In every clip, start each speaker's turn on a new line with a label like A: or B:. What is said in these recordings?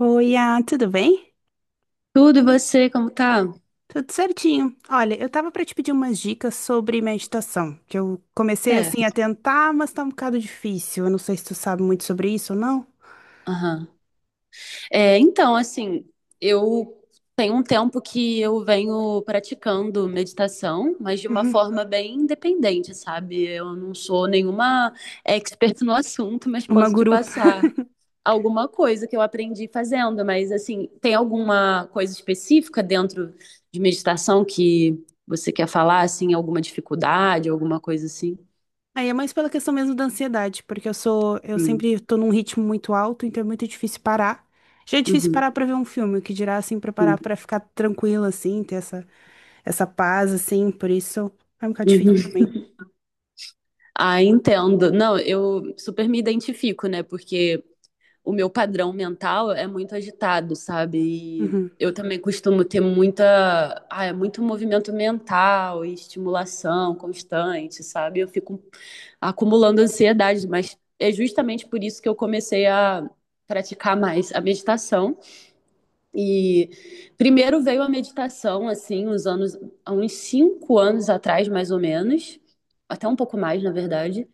A: Oi, tudo bem?
B: Tudo e você, como tá?
A: Tudo certinho. Olha, eu tava pra te pedir umas dicas sobre meditação, que eu comecei assim a
B: Certo.
A: tentar, mas tá um bocado difícil. Eu não sei se tu sabe muito sobre isso ou não.
B: Aham. É, então, assim, eu tenho um tempo que eu venho praticando meditação, mas de uma
A: Uhum.
B: forma bem independente, sabe? Eu não sou nenhuma expert no assunto, mas
A: Uma
B: posso te
A: guru.
B: passar alguma coisa que eu aprendi fazendo. Mas, assim, tem alguma coisa específica dentro de meditação que você quer falar, assim, alguma dificuldade, alguma coisa assim?
A: Aí é mais pela questão mesmo da ansiedade, porque eu
B: Sim.
A: sempre tô num ritmo muito alto, então é muito difícil parar. Já é difícil
B: Uhum.
A: parar pra ver um filme, o que dirá assim pra parar
B: Sim.
A: pra ficar tranquila assim, ter essa paz assim, por isso é um bocado difícil
B: Uhum.
A: pra mim.
B: Ah, entendo. Não, eu super me identifico, né? Porque o meu padrão mental é muito agitado, sabe? E
A: Uhum.
B: eu também costumo ter muita, é muito movimento mental e estimulação constante, sabe? Eu fico acumulando ansiedade, mas é justamente por isso que eu comecei a praticar mais a meditação. E primeiro veio a meditação, assim, uns anos, há uns 5 anos atrás, mais ou menos, até um pouco mais, na verdade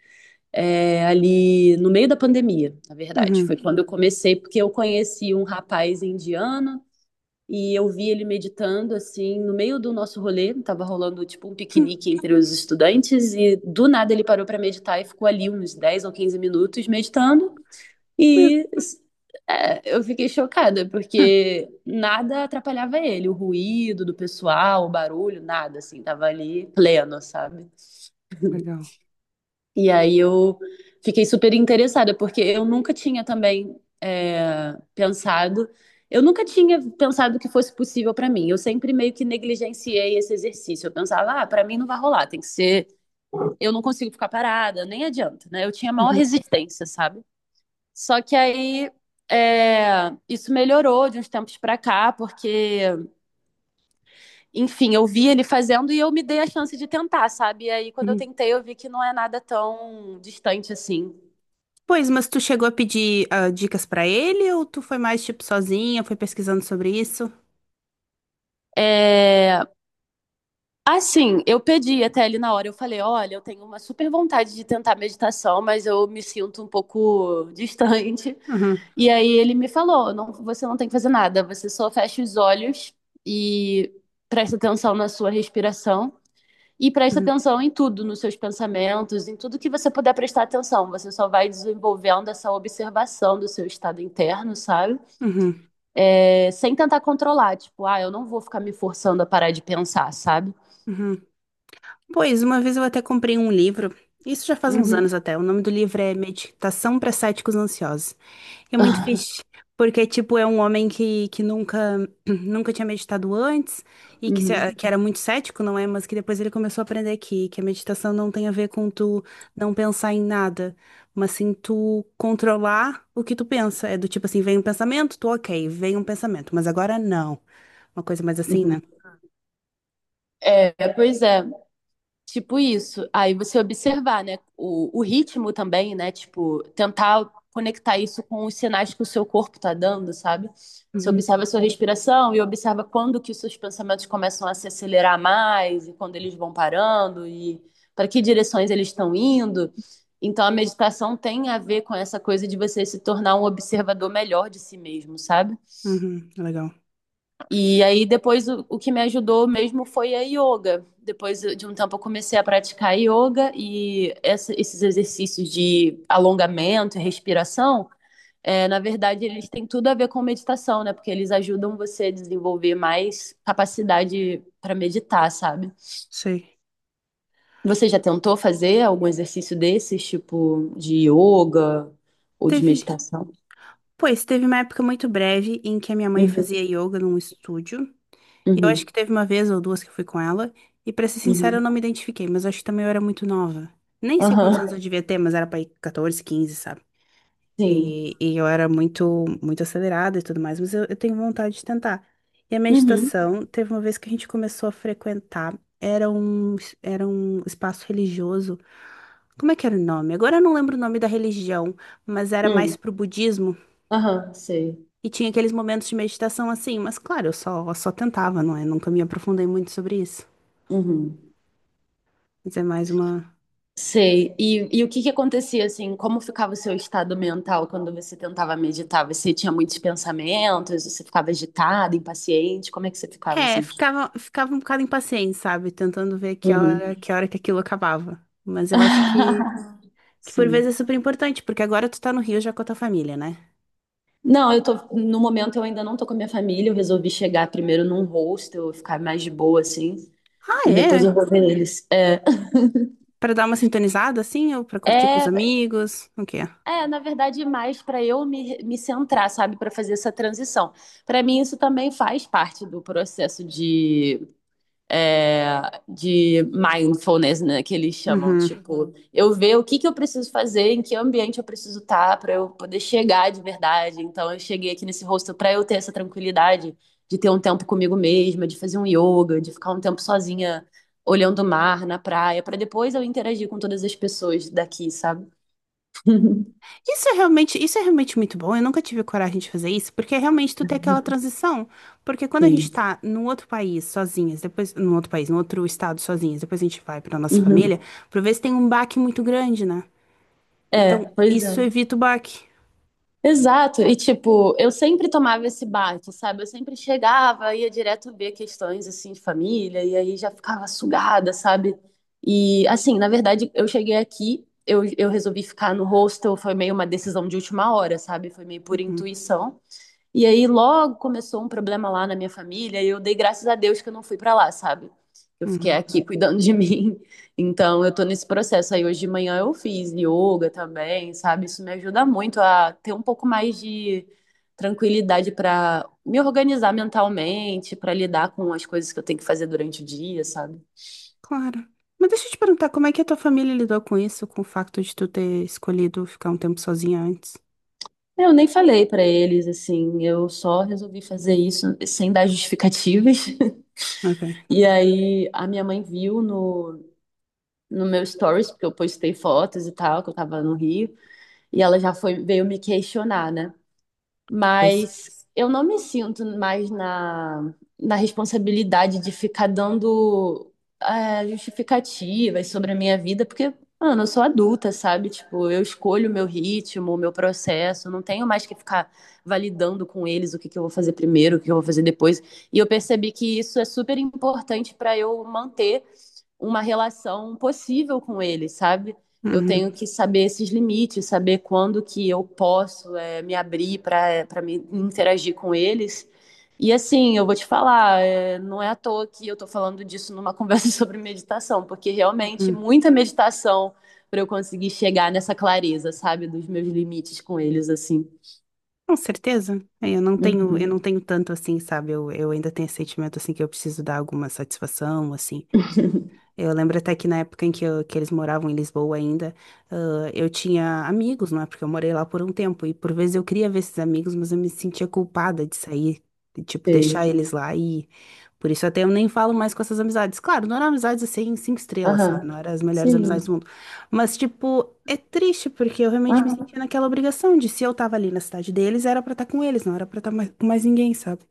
B: ali no meio da pandemia, na verdade. Foi
A: Uhum.
B: quando eu comecei, porque eu conheci um rapaz indiano e eu vi ele meditando assim no meio do nosso rolê, tava rolando tipo um
A: Hum.
B: piquenique entre os estudantes e do nada ele parou para meditar e ficou ali uns 10 ou 15 minutos meditando e eu fiquei chocada porque nada atrapalhava ele, o ruído do pessoal, o barulho, nada assim, tava ali pleno, sabe?
A: Legal.
B: E aí eu fiquei super interessada, porque eu nunca tinha também é, pensado, eu nunca tinha pensado que fosse possível para mim. Eu sempre meio que negligenciei esse exercício. Eu pensava, ah, para mim não vai rolar, tem que ser, eu não consigo ficar parada, nem adianta, né? Eu tinha maior
A: Uhum.
B: resistência, sabe? Só que aí é, isso melhorou de uns tempos pra cá, porque, enfim, eu vi ele fazendo e eu me dei a chance de tentar, sabe? E aí, quando eu
A: Uhum.
B: tentei, eu vi que não é nada tão distante assim.
A: Pois, mas tu chegou a pedir dicas pra ele ou tu foi mais tipo sozinha, foi pesquisando sobre isso?
B: É, assim, eu pedi até ele na hora, eu falei, olha, eu tenho uma super vontade de tentar meditação, mas eu me sinto um pouco distante.
A: Uhum,
B: E aí ele me falou, não, você não tem que fazer nada, você só fecha os olhos e presta atenção na sua respiração e presta
A: uhum,
B: atenção em tudo, nos seus pensamentos, em tudo que você puder prestar atenção. Você só vai desenvolvendo essa observação do seu estado interno, sabe?
A: uhum,
B: É, sem tentar controlar, tipo, ah, eu não vou ficar me forçando a parar de pensar, sabe?
A: uhum. Pois, uma vez eu até comprei um livro, isso já faz uns anos
B: Uhum.
A: até. O nome do livro é Meditação para Céticos Ansiosos. É muito fixe, porque, tipo, é um homem que nunca, nunca tinha meditado antes e
B: Uhum.
A: que era muito cético, não é? Mas que depois ele começou a aprender que a meditação não tem a ver com tu não pensar em nada, mas sim tu controlar o que tu pensa. É do tipo assim, vem um pensamento, tu ok, vem um pensamento, mas agora não. Uma coisa mais assim, né?
B: Uhum. É, pois é, tipo isso. Aí você observar, né, o ritmo também, né, tipo, tentar conectar isso com os sinais que o seu corpo tá dando, sabe? Você
A: Uhum,
B: observa a sua respiração e observa quando que os seus pensamentos começam a se acelerar mais e quando eles vão parando e para que direções eles estão indo. Então a meditação tem a ver com essa coisa de você se tornar um observador melhor de si mesmo, sabe?
A: uhum, legal.
B: E aí depois o que me ajudou mesmo foi a yoga. Depois de um tempo eu comecei a praticar yoga e esses exercícios de alongamento e respiração, na verdade eles têm tudo a ver com meditação, né? Porque eles ajudam você a desenvolver mais capacidade para meditar, sabe?
A: Sei.
B: Você já tentou fazer algum exercício desses, tipo de yoga ou de
A: Teve,
B: meditação?
A: pois, teve uma época muito breve em que a minha mãe fazia
B: Uhum,
A: yoga num estúdio. E eu acho
B: uhum,
A: que teve uma vez ou duas que eu fui com ela, e pra ser sincera, eu
B: uhum,
A: não me identifiquei, mas eu acho que também eu era muito nova. Nem sei quantos anos eu
B: aham,
A: devia ter, mas era pra ir 14, 15, sabe?
B: sim,
A: E eu era muito, muito acelerada e tudo mais, mas eu tenho vontade de tentar. E a
B: uhum,
A: meditação, teve uma vez que a gente começou a frequentar, era um espaço religioso. Como é que era o nome? Agora eu não lembro o nome da religião, mas era mais
B: uhum,
A: pro budismo.
B: aham, sei.
A: E tinha aqueles momentos de meditação assim, mas claro, só tentava, não é? Nunca me aprofundei muito sobre isso.
B: Uhum.
A: Mas é mais uma.
B: Sei. E o que que acontecia assim? Como ficava o seu estado mental quando você tentava meditar? Você tinha muitos pensamentos? Você ficava agitada, impaciente? Como é que você ficava
A: É,
B: assim?
A: ficava um bocado impaciente, sabe? Tentando ver
B: Uhum.
A: que hora que aquilo acabava. Mas que por
B: Sim.
A: vezes é super importante, porque agora tu tá no Rio já com a tua família, né?
B: Não, eu tô, no momento eu ainda não tô com a minha família, eu resolvi chegar primeiro num hostel, ficar mais de boa assim,
A: Ah,
B: e depois eu
A: é?
B: vou ver eles.
A: Pra dar uma sintonizada, assim, ou pra curtir com os
B: É,
A: amigos, o quê?
B: é na verdade, mais para eu me centrar, sabe, para fazer essa transição. Para mim isso também faz parte do processo de é, de mindfulness, né, que eles chamam,
A: Uhum.
B: tipo, eu ver o que que eu preciso fazer, em que ambiente eu preciso estar para eu poder chegar de verdade. Então eu cheguei aqui nesse hostel para eu ter essa tranquilidade de ter um tempo comigo mesma, de fazer um yoga, de ficar um tempo sozinha olhando o mar na praia, para depois eu interagir com todas as pessoas daqui, sabe?
A: Isso é realmente muito bom. Eu nunca tive coragem de fazer isso, porque é realmente tu tem aquela transição. Porque quando a gente
B: Sim.
A: tá num outro país sozinhas, depois, num outro país, num outro estado sozinhas, depois a gente vai pra nossa
B: Uhum.
A: família, por vezes tem um baque muito grande, né?
B: É,
A: Então,
B: pois
A: isso
B: é.
A: evita o baque.
B: Exato, e tipo, eu sempre tomava esse baque, sabe? Eu sempre chegava, ia direto ver questões assim de família, e aí já ficava sugada, sabe? E assim, na verdade, eu cheguei aqui, eu resolvi ficar no hostel, foi meio uma decisão de última hora, sabe? Foi meio por
A: Uhum,
B: intuição. E aí logo começou um problema lá na minha família e eu dei graças a Deus que eu não fui pra lá, sabe? Eu fiquei
A: uhum.
B: aqui cuidando de mim. Então eu tô nesse processo aí. Hoje de manhã eu fiz yoga também, sabe? Isso me ajuda muito a ter um pouco mais de tranquilidade pra me organizar mentalmente, pra lidar com as coisas que eu tenho que fazer durante o dia, sabe?
A: Claro. Mas deixa eu te perguntar, como é que a tua família lidou com isso, com o facto de tu ter escolhido ficar um tempo sozinha antes?
B: Eu nem falei pra eles assim, eu só resolvi fazer isso sem dar justificativas.
A: Ok,
B: E aí a minha mãe viu no meu stories, porque eu postei fotos e tal, que eu tava no Rio, e ela já foi, veio me questionar, né?
A: pois.
B: Mas eu não me sinto mais na responsabilidade de ficar dando justificativas sobre a minha vida, porque, mano, eu sou adulta, sabe? Tipo, eu escolho o meu ritmo, o meu processo, não tenho mais que ficar validando com eles o que que eu vou fazer primeiro, o que eu vou fazer depois. E eu percebi que isso é super importante para eu manter uma relação possível com ele, sabe? Eu tenho
A: Uhum,
B: que saber esses limites, saber quando que eu posso me abrir para me interagir com eles. E assim, eu vou te falar, é, não é à toa que eu tô falando disso numa conversa sobre meditação, porque realmente
A: uhum.
B: muita meditação para eu conseguir chegar nessa clareza, sabe, dos meus limites com eles, assim.
A: Com certeza. É, eu não tenho, eu
B: Uhum.
A: não tenho tanto assim, sabe? Eu ainda tenho esse sentimento assim que eu preciso dar alguma satisfação, assim. Eu lembro até que na época em que eles moravam em Lisboa ainda, eu tinha amigos, não é? Porque eu morei lá por um tempo. E por vezes eu queria ver esses amigos, mas eu me sentia culpada de sair, de, tipo, deixar
B: Sei.
A: eles lá. E por isso até eu nem falo mais com essas amizades. Claro, não eram amizades assim, cinco estrelas, sabe?
B: Aham.
A: Não eram as melhores amizades
B: Sim.
A: do mundo. Mas, tipo, é triste, porque eu realmente me
B: Aham.
A: sentia naquela obrigação de se eu tava ali na cidade deles, era pra estar com eles, não era pra estar mais, com mais ninguém, sabe?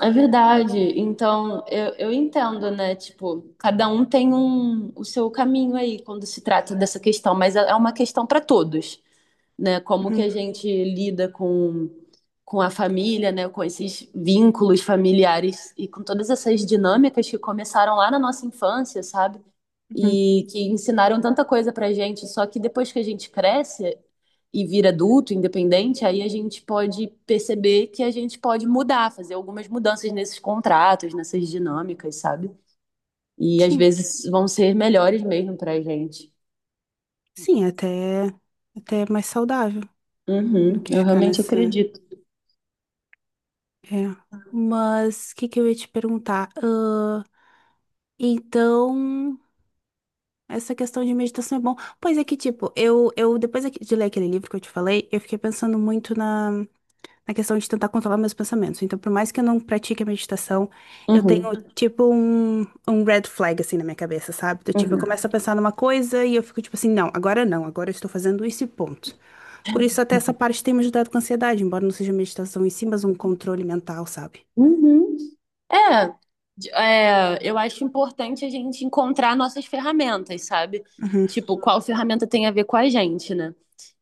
B: É verdade. Então, eu entendo, né? Tipo, cada um tem um, o seu caminho aí quando se trata dessa questão, mas é uma questão para todos, né? Como que
A: Uhum,
B: a gente lida com a família, né? Com esses vínculos familiares e com todas essas dinâmicas que começaram lá na nossa infância, sabe?
A: uhum.
B: E que ensinaram tanta coisa pra gente, só que depois que a gente cresce e vira adulto, independente, aí a gente pode perceber que a gente pode mudar, fazer algumas mudanças nesses contratos, nessas dinâmicas, sabe? E às
A: Sim,
B: vezes vão ser melhores mesmo pra gente.
A: sim, até, até é mais saudável. Do
B: Uhum,
A: que
B: eu
A: ficar
B: realmente
A: nessa.
B: acredito.
A: É. Mas o que que eu ia te perguntar? Ah, então, essa questão de meditação é bom. Pois é que, tipo, eu depois de ler aquele livro que eu te falei, eu fiquei pensando muito na questão de tentar controlar meus pensamentos. Então, por mais que eu não pratique a meditação, eu
B: Uhum.
A: tenho, tipo, um red flag, assim, na minha cabeça, sabe? Do tipo, eu começo a pensar numa coisa e eu fico, tipo assim, não, agora não, agora eu estou fazendo isso e ponto. Por isso, até essa parte tem me ajudado com a ansiedade, embora não seja meditação em si, mas um controle mental, sabe?
B: Uhum. É, eu acho importante a gente encontrar nossas ferramentas, sabe?
A: Uhum,
B: Tipo, qual ferramenta tem a ver com a gente, né?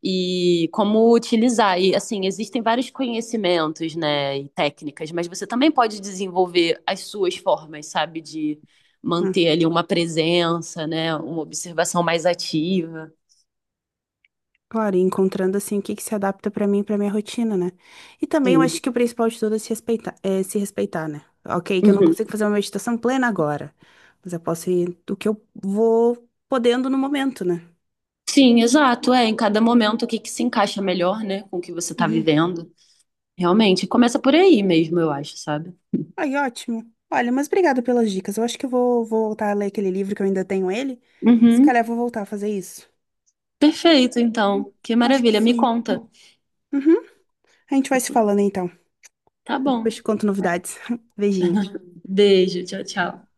B: E como utilizar. E, assim, existem vários conhecimentos, né, e técnicas, mas você também pode desenvolver as suas formas, sabe? De
A: uhum.
B: manter ali uma presença, né? Uma observação mais ativa.
A: Claro, e encontrando assim o que que se adapta pra mim, e pra minha rotina, né? E também eu
B: Sim.
A: acho que o principal de tudo é se respeitar, né? Ok, que eu não
B: Uhum.
A: consigo fazer uma meditação plena agora, mas eu posso ir do que eu vou podendo no momento, né?
B: Sim, exato. É, em cada momento o que que se encaixa melhor, né, com o que você tá
A: Uhum.
B: vivendo. Realmente, começa por aí mesmo, eu acho, sabe?
A: Ai, ótimo. Olha, mas obrigado pelas dicas. Eu acho que vou voltar a ler aquele livro que eu ainda tenho ele. Se calhar eu
B: Uhum.
A: vou voltar a fazer isso.
B: Perfeito,
A: Hum.
B: então. Que
A: Acho que
B: maravilha. Me
A: sim.
B: conta.
A: Uhum. A gente vai se falando então.
B: Tá
A: Depois
B: bom.
A: te conto novidades. Beijinho.
B: Beijo. Tchau,
A: Tá.
B: tchau.